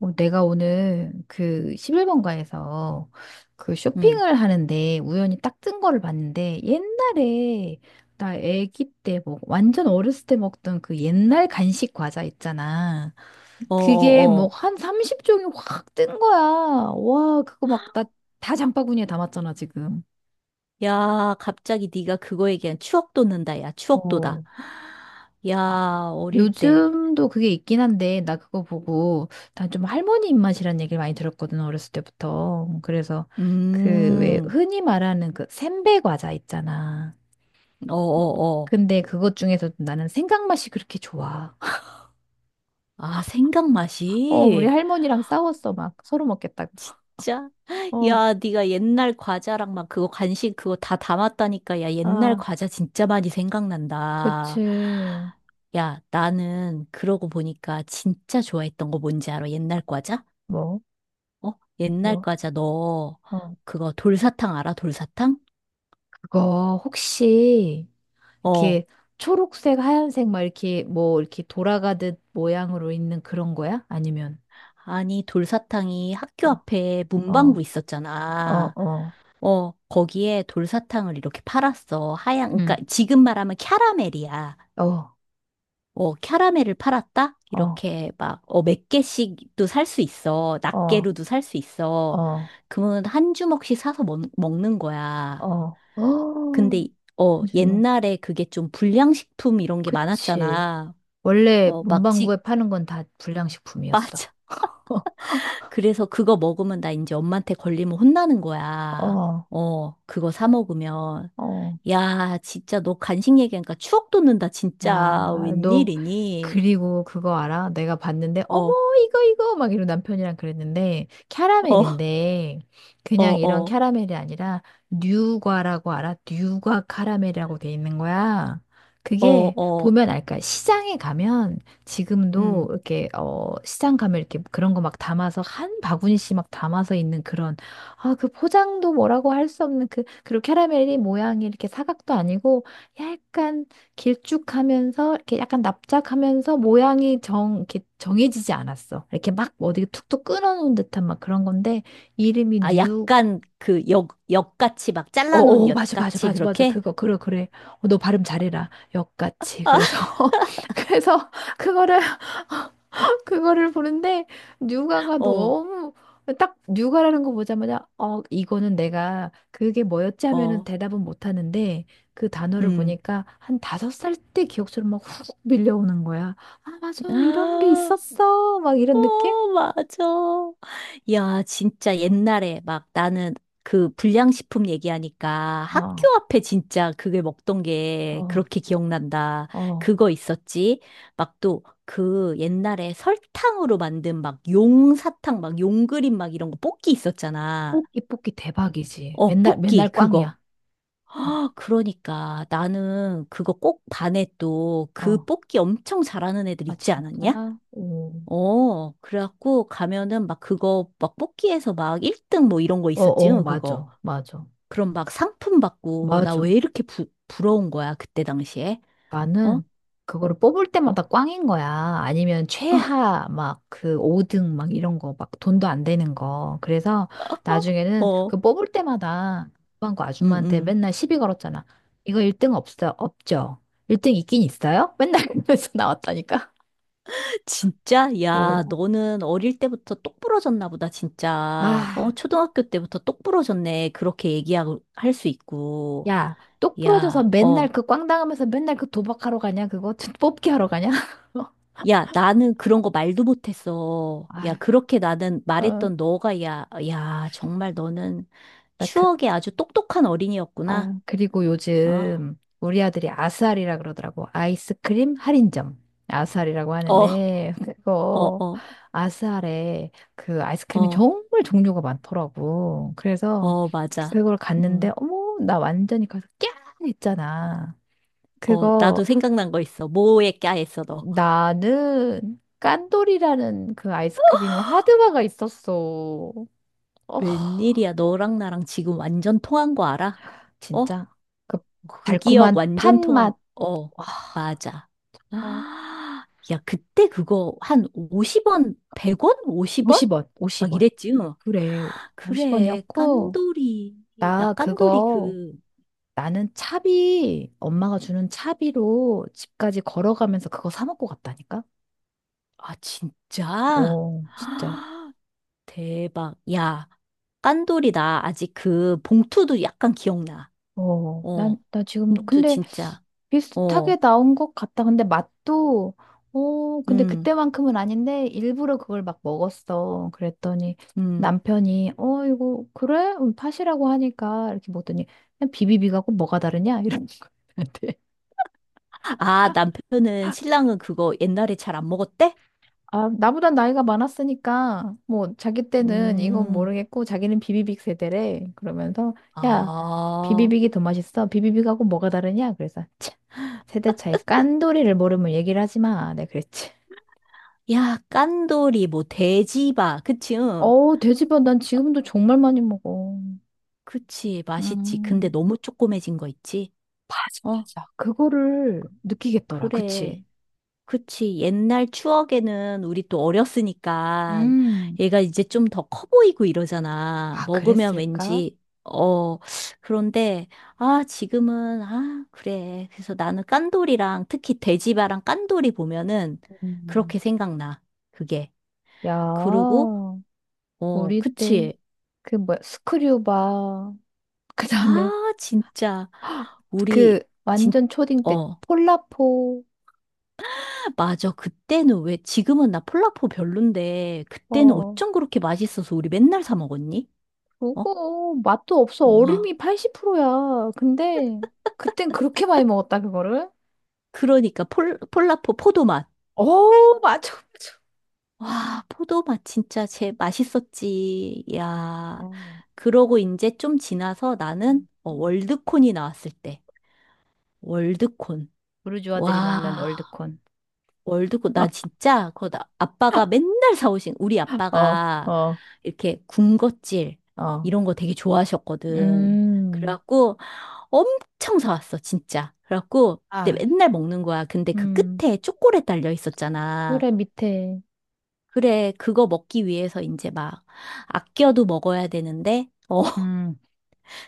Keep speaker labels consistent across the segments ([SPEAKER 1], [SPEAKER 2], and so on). [SPEAKER 1] 내가 오늘 그 11번가에서 그
[SPEAKER 2] 응.
[SPEAKER 1] 쇼핑을 하는데 우연히 딱 뜬 거를 봤는데, 옛날에 나 아기 때 완전 어렸을 때 먹던 그 옛날 간식 과자 있잖아.
[SPEAKER 2] 어,
[SPEAKER 1] 그게
[SPEAKER 2] 어,
[SPEAKER 1] 뭐
[SPEAKER 2] 어.
[SPEAKER 1] 한 30종이 확 뜬 거야. 와, 그거 막 나 다 장바구니에 담았잖아, 지금.
[SPEAKER 2] 야, 갑자기 네가 그거 얘기한 추억 돋는다. 야, 추억
[SPEAKER 1] 어.
[SPEAKER 2] 돋아. 야, 어릴 때.
[SPEAKER 1] 요즘도 그게 있긴 한데, 나 그거 보고, 난 좀 할머니 입맛이란 얘기를 많이 들었거든, 어렸을 때부터. 그래서, 그, 왜,
[SPEAKER 2] 음.
[SPEAKER 1] 흔히 말하는 그, 샌베 과자 있잖아.
[SPEAKER 2] 어, 어, 어.
[SPEAKER 1] 근데 그것 중에서도 나는 생강 맛이 그렇게 좋아.
[SPEAKER 2] 아, 생강
[SPEAKER 1] 어, 우리
[SPEAKER 2] 맛이.
[SPEAKER 1] 할머니랑 싸웠어, 막. 서로 먹겠다고.
[SPEAKER 2] 진짜.
[SPEAKER 1] 어,
[SPEAKER 2] 야, 네가 옛날 과자랑 막 그거 간식 그거 다 담았다니까. 야, 옛날
[SPEAKER 1] 아,
[SPEAKER 2] 과자 진짜 많이
[SPEAKER 1] 그치.
[SPEAKER 2] 생각난다. 야, 나는 그러고 보니까 진짜 좋아했던 거 뭔지 알아? 옛날 과자?
[SPEAKER 1] 뭐,
[SPEAKER 2] 어? 옛날
[SPEAKER 1] 뭐,
[SPEAKER 2] 과자 너
[SPEAKER 1] 어.
[SPEAKER 2] 그거 돌사탕 알아? 돌사탕?
[SPEAKER 1] 그거, 혹시,
[SPEAKER 2] 어,
[SPEAKER 1] 이렇게, 초록색, 하얀색, 막 이렇게, 뭐, 이렇게 돌아가듯 모양으로 있는 그런 거야? 아니면,
[SPEAKER 2] 아니, 돌사탕이
[SPEAKER 1] 어,
[SPEAKER 2] 학교 앞에 문방구
[SPEAKER 1] 어, 어,
[SPEAKER 2] 있었잖아.
[SPEAKER 1] 어,
[SPEAKER 2] 어, 거기에 돌사탕을 이렇게 팔았어. 하얀, 그러니까
[SPEAKER 1] 응.
[SPEAKER 2] 지금 말하면 캬라멜이야.
[SPEAKER 1] 어,
[SPEAKER 2] 어, 캬라멜을 팔았다?
[SPEAKER 1] 어,
[SPEAKER 2] 이렇게 막, 몇 개씩도 살 수 있어.
[SPEAKER 1] 어,
[SPEAKER 2] 낱개로도 살 수 있어.
[SPEAKER 1] 어,
[SPEAKER 2] 그러면 한 주먹씩 사서 먹는 거야.
[SPEAKER 1] 어,
[SPEAKER 2] 근데,
[SPEAKER 1] 어, 한주뭐
[SPEAKER 2] 옛날에 그게 좀 불량식품 이런 게
[SPEAKER 1] 그치.
[SPEAKER 2] 많았잖아.
[SPEAKER 1] 원래
[SPEAKER 2] 어, 막
[SPEAKER 1] 문방구에 파는 건 다 불량식품이었어.
[SPEAKER 2] 맞아. 그래서 그거 먹으면 나 이제 엄마한테 걸리면 혼나는 거야.
[SPEAKER 1] 어,
[SPEAKER 2] 어, 그거 사 먹으면.
[SPEAKER 1] 어.
[SPEAKER 2] 야, 진짜 너 간식 얘기하니까 추억 돋는다, 진짜.
[SPEAKER 1] 야, 너
[SPEAKER 2] 웬일이니?
[SPEAKER 1] 그리고 그거 알아? 내가 봤는데,
[SPEAKER 2] 어,
[SPEAKER 1] 어머,
[SPEAKER 2] 어,
[SPEAKER 1] 이거 이거 막 이러고 남편이랑 그랬는데, 캐러멜인데 그냥
[SPEAKER 2] 어,
[SPEAKER 1] 이런
[SPEAKER 2] 어,
[SPEAKER 1] 캐러멜이 아니라 뉴과라고 알아? 뉴과 카라멜이라고 돼 있는 거야.
[SPEAKER 2] 어,
[SPEAKER 1] 그게
[SPEAKER 2] 어.
[SPEAKER 1] 보면 알까? 시장에 가면 지금도
[SPEAKER 2] 음.
[SPEAKER 1] 이렇게, 어, 시장 가면 이렇게 그런 거 막 담아서 한 바구니씩 막 담아서 있는 그런, 아, 그 포장도 뭐라고 할 수 없는 그, 그리고 캐러멜이 모양이 이렇게 사각도 아니고 약간 길쭉하면서 이렇게 약간 납작하면서 모양이 정 이렇게 정해지지 않았어. 이렇게 막 뭐 어디 툭툭 끊어놓은 듯한 막 그런 건데 이름이
[SPEAKER 2] 아,
[SPEAKER 1] 뉴.
[SPEAKER 2] 약간 그 엿같이 막
[SPEAKER 1] 어,
[SPEAKER 2] 잘라놓은
[SPEAKER 1] 어, 맞아, 맞아,
[SPEAKER 2] 엿같이
[SPEAKER 1] 맞아, 맞아.
[SPEAKER 2] 그렇게?
[SPEAKER 1] 그거, 그래, 그래. 어, 너 발음 잘해라. 역같이. 그래서, 그래서, 그거를 그거를 보는데 뉴가가
[SPEAKER 2] 어,
[SPEAKER 1] 너무 딱 뉴가라는 거 보자마자, 어, 이거는 내가 그게 뭐였지 하면은
[SPEAKER 2] 어,
[SPEAKER 1] 대답은 못 하는데 그 단어를
[SPEAKER 2] 음.
[SPEAKER 1] 보니까 한 다섯 살 때 기억처럼 막 훅 밀려오는 거야. 아, 맞아, 이런 게 있었어, 막 이런 느낌?
[SPEAKER 2] 어, 맞아. 야, 진짜 옛날에 막 나는 그 불량식품 얘기하니까 학교
[SPEAKER 1] 어,
[SPEAKER 2] 앞에 진짜 그게 먹던 게 그렇게
[SPEAKER 1] 어,
[SPEAKER 2] 기억난다.
[SPEAKER 1] 어,
[SPEAKER 2] 그거 있었지? 막 또 그 옛날에 설탕으로 만든 막 용사탕, 막 용그림 막 이런 거 뽑기 있었잖아.
[SPEAKER 1] 뽑기, 뽑기 대박이지.
[SPEAKER 2] 어,
[SPEAKER 1] 맨날
[SPEAKER 2] 뽑기,
[SPEAKER 1] 맨날
[SPEAKER 2] 그거.
[SPEAKER 1] 꽝이야. 어,
[SPEAKER 2] 아, 그러니까 나는 그거 꼭 반에 또 그
[SPEAKER 1] 어,
[SPEAKER 2] 뽑기 엄청 잘하는 애들
[SPEAKER 1] 아,
[SPEAKER 2] 있지 않았냐?
[SPEAKER 1] 진짜? 오.
[SPEAKER 2] 어, 그래갖고 가면은 막 그거 막 뽑기에서 막 1등 뭐 이런 거
[SPEAKER 1] 어,
[SPEAKER 2] 있었지,
[SPEAKER 1] 어,
[SPEAKER 2] 요 그거.
[SPEAKER 1] 맞아, 맞아,
[SPEAKER 2] 그럼 막 상품 받고 나 왜
[SPEAKER 1] 맞아.
[SPEAKER 2] 이렇게 부러운 거야, 그때 당시에? 어?
[SPEAKER 1] 나는 그거를 뽑을 때마다 꽝인 거야. 아니면 최하 막 그 5등 막 이런 거 막 돈도 안 되는 거. 그래서 나중에는
[SPEAKER 2] 어,
[SPEAKER 1] 그 뽑을 때마다 그거
[SPEAKER 2] 응,
[SPEAKER 1] 아줌마한테
[SPEAKER 2] 응.
[SPEAKER 1] 맨날 시비 걸었잖아. 이거 1등 없어, 없죠? 1등 있긴 있어요? 맨날 그러면서 나왔다니까.
[SPEAKER 2] 진짜? 야,
[SPEAKER 1] 어.
[SPEAKER 2] 너는 어릴 때부터 똑부러졌나 보다, 진짜.
[SPEAKER 1] 아,
[SPEAKER 2] 어, 초등학교 때부터 똑부러졌네. 그렇게 얘기하고, 할 수 있고.
[SPEAKER 1] 야, 똑 부러져서
[SPEAKER 2] 야,
[SPEAKER 1] 맨날
[SPEAKER 2] 어.
[SPEAKER 1] 그 꽝 당하면서 맨날 그 도박하러 가냐? 그거 뽑기 하러 가냐?
[SPEAKER 2] 야, 나는 그런 거 말도 못했어. 야,
[SPEAKER 1] 아휴,
[SPEAKER 2] 그렇게 나는
[SPEAKER 1] 어.
[SPEAKER 2] 말했던 너가, 야, 야, 정말 너는
[SPEAKER 1] 나 그,
[SPEAKER 2] 추억에 아주 똑똑한
[SPEAKER 1] 아,
[SPEAKER 2] 어린이였구나.
[SPEAKER 1] 그리고
[SPEAKER 2] 아,
[SPEAKER 1] 요즘 우리 아들이 아스알이라 그러더라고. 아이스크림 할인점. 아스알이라고
[SPEAKER 2] 어,
[SPEAKER 1] 하는데,
[SPEAKER 2] 어,
[SPEAKER 1] 그거,
[SPEAKER 2] 어,
[SPEAKER 1] 아스알에 그 아이스크림이
[SPEAKER 2] 어,
[SPEAKER 1] 정말 종류가 많더라고. 그래서
[SPEAKER 2] 어, 맞아.
[SPEAKER 1] 그걸 갔는데,
[SPEAKER 2] 음,
[SPEAKER 1] 어머, 나 완전히 가서 꺄! 했잖아.
[SPEAKER 2] 나도
[SPEAKER 1] 그거,
[SPEAKER 2] 생각난 거 있어. 뭐에 까였어, 너.
[SPEAKER 1] 나는 깐돌이라는 그 아이스크림 하드바가 있었어. 어,
[SPEAKER 2] 웬일이야, 너랑 나랑 지금 완전 통한 거 알아? 어?
[SPEAKER 1] 진짜. 그
[SPEAKER 2] 그 기억
[SPEAKER 1] 달콤한
[SPEAKER 2] 완전 통한,
[SPEAKER 1] 팥맛.
[SPEAKER 2] 어, 맞아.
[SPEAKER 1] 와,
[SPEAKER 2] 아, 야, 그때 그거 한 50원, 100원? 50원?
[SPEAKER 1] 50원,
[SPEAKER 2] 막
[SPEAKER 1] 50원.
[SPEAKER 2] 이랬지. 응.
[SPEAKER 1] 그래,
[SPEAKER 2] 그래,
[SPEAKER 1] 50원이었고,
[SPEAKER 2] 깐돌이. 나
[SPEAKER 1] 나
[SPEAKER 2] 깐돌이
[SPEAKER 1] 그거,
[SPEAKER 2] 그,
[SPEAKER 1] 나는 차비, 엄마가 주는 차비로 집까지 걸어가면서 그거 사 먹고 갔다니까?
[SPEAKER 2] 아, 진짜?
[SPEAKER 1] 어, 진짜.
[SPEAKER 2] 아, 대박. 야, 깐돌이 나 아직 그 봉투도 약간 기억나.
[SPEAKER 1] 어, 난,
[SPEAKER 2] 어,
[SPEAKER 1] 나 지금도,
[SPEAKER 2] 봉투
[SPEAKER 1] 근데
[SPEAKER 2] 진짜.
[SPEAKER 1] 비슷하게
[SPEAKER 2] 어,
[SPEAKER 1] 나온 것 같다. 근데 맛도, 어, 근데
[SPEAKER 2] 음,
[SPEAKER 1] 그때만큼은 아닌데, 일부러 그걸 막 먹었어. 그랬더니
[SPEAKER 2] 음.
[SPEAKER 1] 남편이, 어, 이거, 그래? 팥이라고 하니까, 이렇게 먹더니, 그냥 비비비가 꼭 뭐가 다르냐? 이런 거.
[SPEAKER 2] 아, 남편은, 신랑은 그거 옛날에 잘 안 먹었대?
[SPEAKER 1] 아, 나보단 나이가 많았으니까, 뭐, 자기 때는 이건
[SPEAKER 2] 음.
[SPEAKER 1] 모르겠고, 자기는 비비빅 세대래. 그러면서, 야,
[SPEAKER 2] 아,
[SPEAKER 1] 비비빅이 더 맛있어. 비비빅하고 뭐가 다르냐? 그래서, 차, 세대 차이 깐돌이를 모르면 얘기를 하지 마. 내가 그랬지.
[SPEAKER 2] 야, 깐돌이, 뭐, 돼지바. 그치, 응.
[SPEAKER 1] 어우, 돼지밥 난 지금도 정말 많이 먹어.
[SPEAKER 2] 그치, 맛있지. 근데
[SPEAKER 1] 음,
[SPEAKER 2] 너무 쪼꼬매진 거 있지?
[SPEAKER 1] 맞아,
[SPEAKER 2] 어,
[SPEAKER 1] 맞아. 그거를 느끼겠더라.
[SPEAKER 2] 그래.
[SPEAKER 1] 그치?
[SPEAKER 2] 그치. 옛날 추억에는 우리 또 어렸으니까
[SPEAKER 1] 음,
[SPEAKER 2] 얘가 이제 좀 더 커 보이고 이러잖아.
[SPEAKER 1] 아,
[SPEAKER 2] 먹으면
[SPEAKER 1] 그랬을까?
[SPEAKER 2] 왠지, 어, 그런데, 아, 지금은, 아, 그래. 그래서 나는 깐돌이랑 특히 돼지바랑 깐돌이 보면은
[SPEAKER 1] 음.
[SPEAKER 2] 그렇게 생각나. 그게.
[SPEAKER 1] 야,
[SPEAKER 2] 그리고, 어,
[SPEAKER 1] 우리 때,
[SPEAKER 2] 그치.
[SPEAKER 1] 그 뭐야, 스크류바. 그 다음에,
[SPEAKER 2] 아, 진짜.
[SPEAKER 1] 그
[SPEAKER 2] 우리, 진,
[SPEAKER 1] 완전 초딩 때
[SPEAKER 2] 어.
[SPEAKER 1] 폴라포,
[SPEAKER 2] 아, 맞아. 그때는 왜, 지금은 나 폴라포 별론데, 그때는
[SPEAKER 1] 어,
[SPEAKER 2] 어쩜 그렇게 맛있어서 우리 맨날 사 먹었니? 어?
[SPEAKER 1] 그거 맛도 없어,
[SPEAKER 2] 와.
[SPEAKER 1] 얼음이 80%야. 근데 그땐 그렇게 많이 먹었다, 그거를.
[SPEAKER 2] 그러니까 폴라포 포도맛.
[SPEAKER 1] 어, 맞아, 맞아.
[SPEAKER 2] 와, 포도맛 진짜 제 맛있었지. 야.
[SPEAKER 1] 어,
[SPEAKER 2] 그러고 이제 좀 지나서 나는
[SPEAKER 1] 음, 음.
[SPEAKER 2] 월드콘이 나왔을 때. 월드콘.
[SPEAKER 1] 부르주아들이 먹는
[SPEAKER 2] 와.
[SPEAKER 1] 월드콘.
[SPEAKER 2] 월드컵, 나 진짜, 그거 나- 아빠가 맨날 사오신, 우리
[SPEAKER 1] 어,
[SPEAKER 2] 아빠가
[SPEAKER 1] 어,
[SPEAKER 2] 이렇게 군것질,
[SPEAKER 1] 어.
[SPEAKER 2] 이런 거 되게 좋아하셨거든.
[SPEAKER 1] 음,
[SPEAKER 2] 그래갖고 엄청 사왔어, 진짜. 그래갖고 그때
[SPEAKER 1] 아,
[SPEAKER 2] 맨날 먹는 거야. 근데 그
[SPEAKER 1] 음,
[SPEAKER 2] 끝에 초콜릿 달려
[SPEAKER 1] 그래,
[SPEAKER 2] 있었잖아.
[SPEAKER 1] 밑에.
[SPEAKER 2] 그래, 그거 먹기 위해서 이제 막 아껴도 먹어야 되는데,
[SPEAKER 1] 음,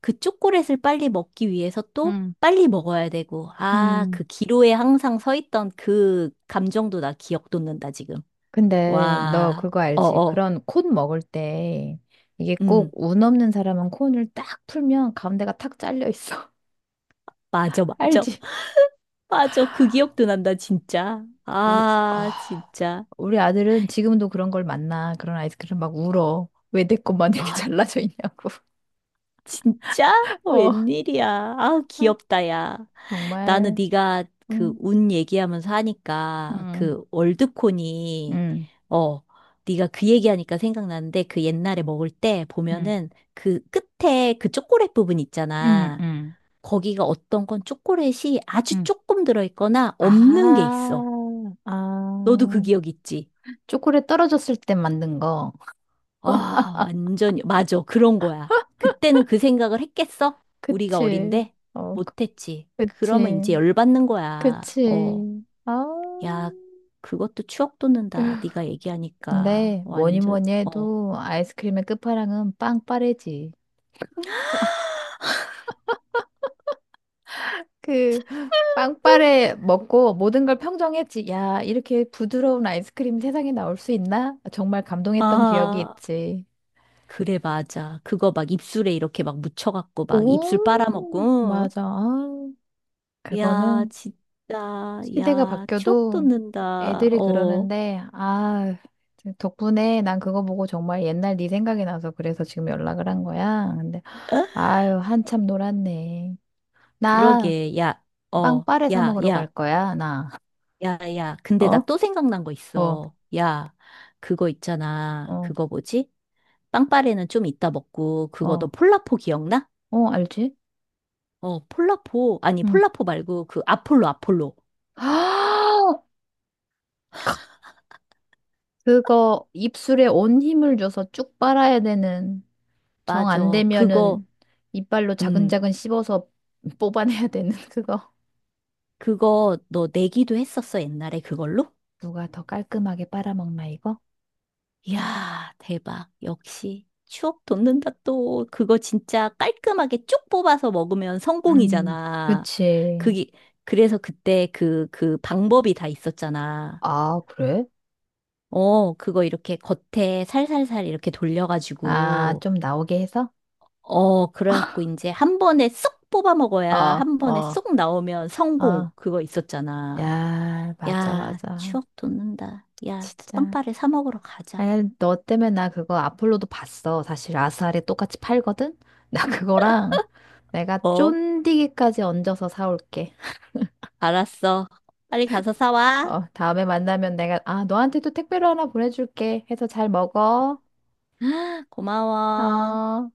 [SPEAKER 2] 그 초콜릿을 빨리 먹기 위해서 또
[SPEAKER 1] 음,
[SPEAKER 2] 빨리 먹어야 되고, 아,
[SPEAKER 1] 음.
[SPEAKER 2] 그 기로에 항상 서 있던 그 감정도 나 기억 돋는다, 지금.
[SPEAKER 1] 근데 너
[SPEAKER 2] 와,
[SPEAKER 1] 그거 알지?
[SPEAKER 2] 어어,
[SPEAKER 1] 그런 콘 먹을 때 이게 꼭
[SPEAKER 2] 음,
[SPEAKER 1] 운 없는 사람은 콘을 딱 풀면 가운데가 탁 잘려 있어.
[SPEAKER 2] 맞아, 맞아.
[SPEAKER 1] 알지?
[SPEAKER 2] 맞아, 그 기억도 난다, 진짜.
[SPEAKER 1] 우리,
[SPEAKER 2] 아,
[SPEAKER 1] 아,
[SPEAKER 2] 진짜.
[SPEAKER 1] 우리 아들은 지금도 그런 걸 만나. 그런 아이스크림 막 울어. 왜 내 것만 이렇게
[SPEAKER 2] 아,
[SPEAKER 1] 잘라져 있냐고.
[SPEAKER 2] 진짜?
[SPEAKER 1] 어,
[SPEAKER 2] 웬일이야. 아우, 귀엽다, 야. 나는
[SPEAKER 1] 정말.
[SPEAKER 2] 네가 그
[SPEAKER 1] 응,
[SPEAKER 2] 운 얘기하면서 하니까
[SPEAKER 1] 응,
[SPEAKER 2] 그 월드콘이,
[SPEAKER 1] 응,
[SPEAKER 2] 어, 네가 그 얘기하니까 생각나는데 그 옛날에 먹을 때
[SPEAKER 1] 응,
[SPEAKER 2] 보면은 그 끝에 그 초콜릿 부분
[SPEAKER 1] 응,
[SPEAKER 2] 있잖아.
[SPEAKER 1] 응.
[SPEAKER 2] 거기가 어떤 건 초콜릿이 아주
[SPEAKER 1] 응.
[SPEAKER 2] 조금 들어있거나 없는 게
[SPEAKER 1] 아,
[SPEAKER 2] 있어.
[SPEAKER 1] 아.
[SPEAKER 2] 너도 그 기억 있지?
[SPEAKER 1] 초콜릿 떨어졌을 때 만든 거.
[SPEAKER 2] 아, 완전, 맞아. 그런 거야. 그때는 그 생각을 했겠어? 우리가
[SPEAKER 1] 그치.
[SPEAKER 2] 어린데?
[SPEAKER 1] 어, 그-
[SPEAKER 2] 못했지. 그러면 이제
[SPEAKER 1] 그치.
[SPEAKER 2] 열받는 거야. 어,
[SPEAKER 1] 그치. 아.
[SPEAKER 2] 야, 그것도 추억 돋는다. 네가 얘기하니까.
[SPEAKER 1] 근데 뭐니
[SPEAKER 2] 완전,
[SPEAKER 1] 뭐니
[SPEAKER 2] 어.
[SPEAKER 1] 해도 아이스크림의 끝판왕은 빵빠레지. 그 빵빠레 먹고 모든 걸 평정했지. 야, 이렇게 부드러운 아이스크림 세상에 나올 수 있나? 정말 감동했던 기억이
[SPEAKER 2] 아,
[SPEAKER 1] 있지.
[SPEAKER 2] 그래, 맞아. 그거 막 입술에 이렇게 막 묻혀갖고 막 입술
[SPEAKER 1] 오,
[SPEAKER 2] 빨아먹고.
[SPEAKER 1] 맞아. 아,
[SPEAKER 2] 응. 야,
[SPEAKER 1] 그거는
[SPEAKER 2] 진짜.
[SPEAKER 1] 시대가
[SPEAKER 2] 야, 추억
[SPEAKER 1] 바뀌어도
[SPEAKER 2] 돋는다.
[SPEAKER 1] 애들이
[SPEAKER 2] 어.
[SPEAKER 1] 그러는데, 아, 덕분에 난 그거 보고 정말 옛날 네 생각이 나서 그래서 지금 연락을 한 거야. 근데, 아유, 한참 놀았네. 나
[SPEAKER 2] 그러게, 야, 어,
[SPEAKER 1] 빵빠레 사
[SPEAKER 2] 야,
[SPEAKER 1] 먹으러 갈
[SPEAKER 2] 야.
[SPEAKER 1] 거야, 나.
[SPEAKER 2] 야, 야, 근데 나
[SPEAKER 1] 어?
[SPEAKER 2] 또 생각난 거
[SPEAKER 1] 어,
[SPEAKER 2] 있어. 야, 그거 있잖아.
[SPEAKER 1] 어,
[SPEAKER 2] 그거 뭐지? 빵빠레는 좀 이따 먹고, 그거 너
[SPEAKER 1] 어,
[SPEAKER 2] 폴라포 기억나?
[SPEAKER 1] 어, 알지?
[SPEAKER 2] 어, 폴라포. 아니,
[SPEAKER 1] 응.
[SPEAKER 2] 폴라포 말고 그 아폴로, 아폴로.
[SPEAKER 1] 그거 입술에 온 힘을 줘서 쭉 빨아야 되는, 정 안
[SPEAKER 2] 맞아.
[SPEAKER 1] 되면은 이빨로
[SPEAKER 2] 음,
[SPEAKER 1] 자근자근 씹어서 뽑아내야 되는 그거.
[SPEAKER 2] 그거 너 내기도 했었어, 옛날에 그걸로?
[SPEAKER 1] 누가 더 깔끔하게 빨아먹나 이거?
[SPEAKER 2] 이야, 대박. 역시. 추억 돋는다 또. 그거 진짜 깔끔하게 쭉 뽑아서 먹으면 성공이잖아.
[SPEAKER 1] 그치.
[SPEAKER 2] 그게, 그래서 그때 그 방법이 다 있었잖아.
[SPEAKER 1] 아, 그래?
[SPEAKER 2] 어, 그거 이렇게 겉에 살살살 이렇게
[SPEAKER 1] 아,
[SPEAKER 2] 돌려가지고,
[SPEAKER 1] 좀 나오게 해서?
[SPEAKER 2] 어, 그래갖고 이제 한 번에 쏙 뽑아
[SPEAKER 1] 어,
[SPEAKER 2] 먹어야 한 번에
[SPEAKER 1] 어,
[SPEAKER 2] 쏙 나오면 성공.
[SPEAKER 1] 어.
[SPEAKER 2] 그거 있었잖아.
[SPEAKER 1] 야, 맞아,
[SPEAKER 2] 야,
[SPEAKER 1] 맞아.
[SPEAKER 2] 추억 돋는다. 야,
[SPEAKER 1] 진짜.
[SPEAKER 2] 빵빠레 사 먹으러 가자.
[SPEAKER 1] 아니, 너 때문에 나 그거 아폴로도 봤어. 사실 아스알에 똑같이 팔거든? 나 그거랑 내가
[SPEAKER 2] 어,
[SPEAKER 1] 쫀디기까지 얹어서 사올게.
[SPEAKER 2] 알았어. 빨리 가서 사와.
[SPEAKER 1] 어, 다음에 만나면 내가, 아, 너한테도 택배로 하나 보내줄게. 해서 잘 먹어.
[SPEAKER 2] 고마워.
[SPEAKER 1] 어.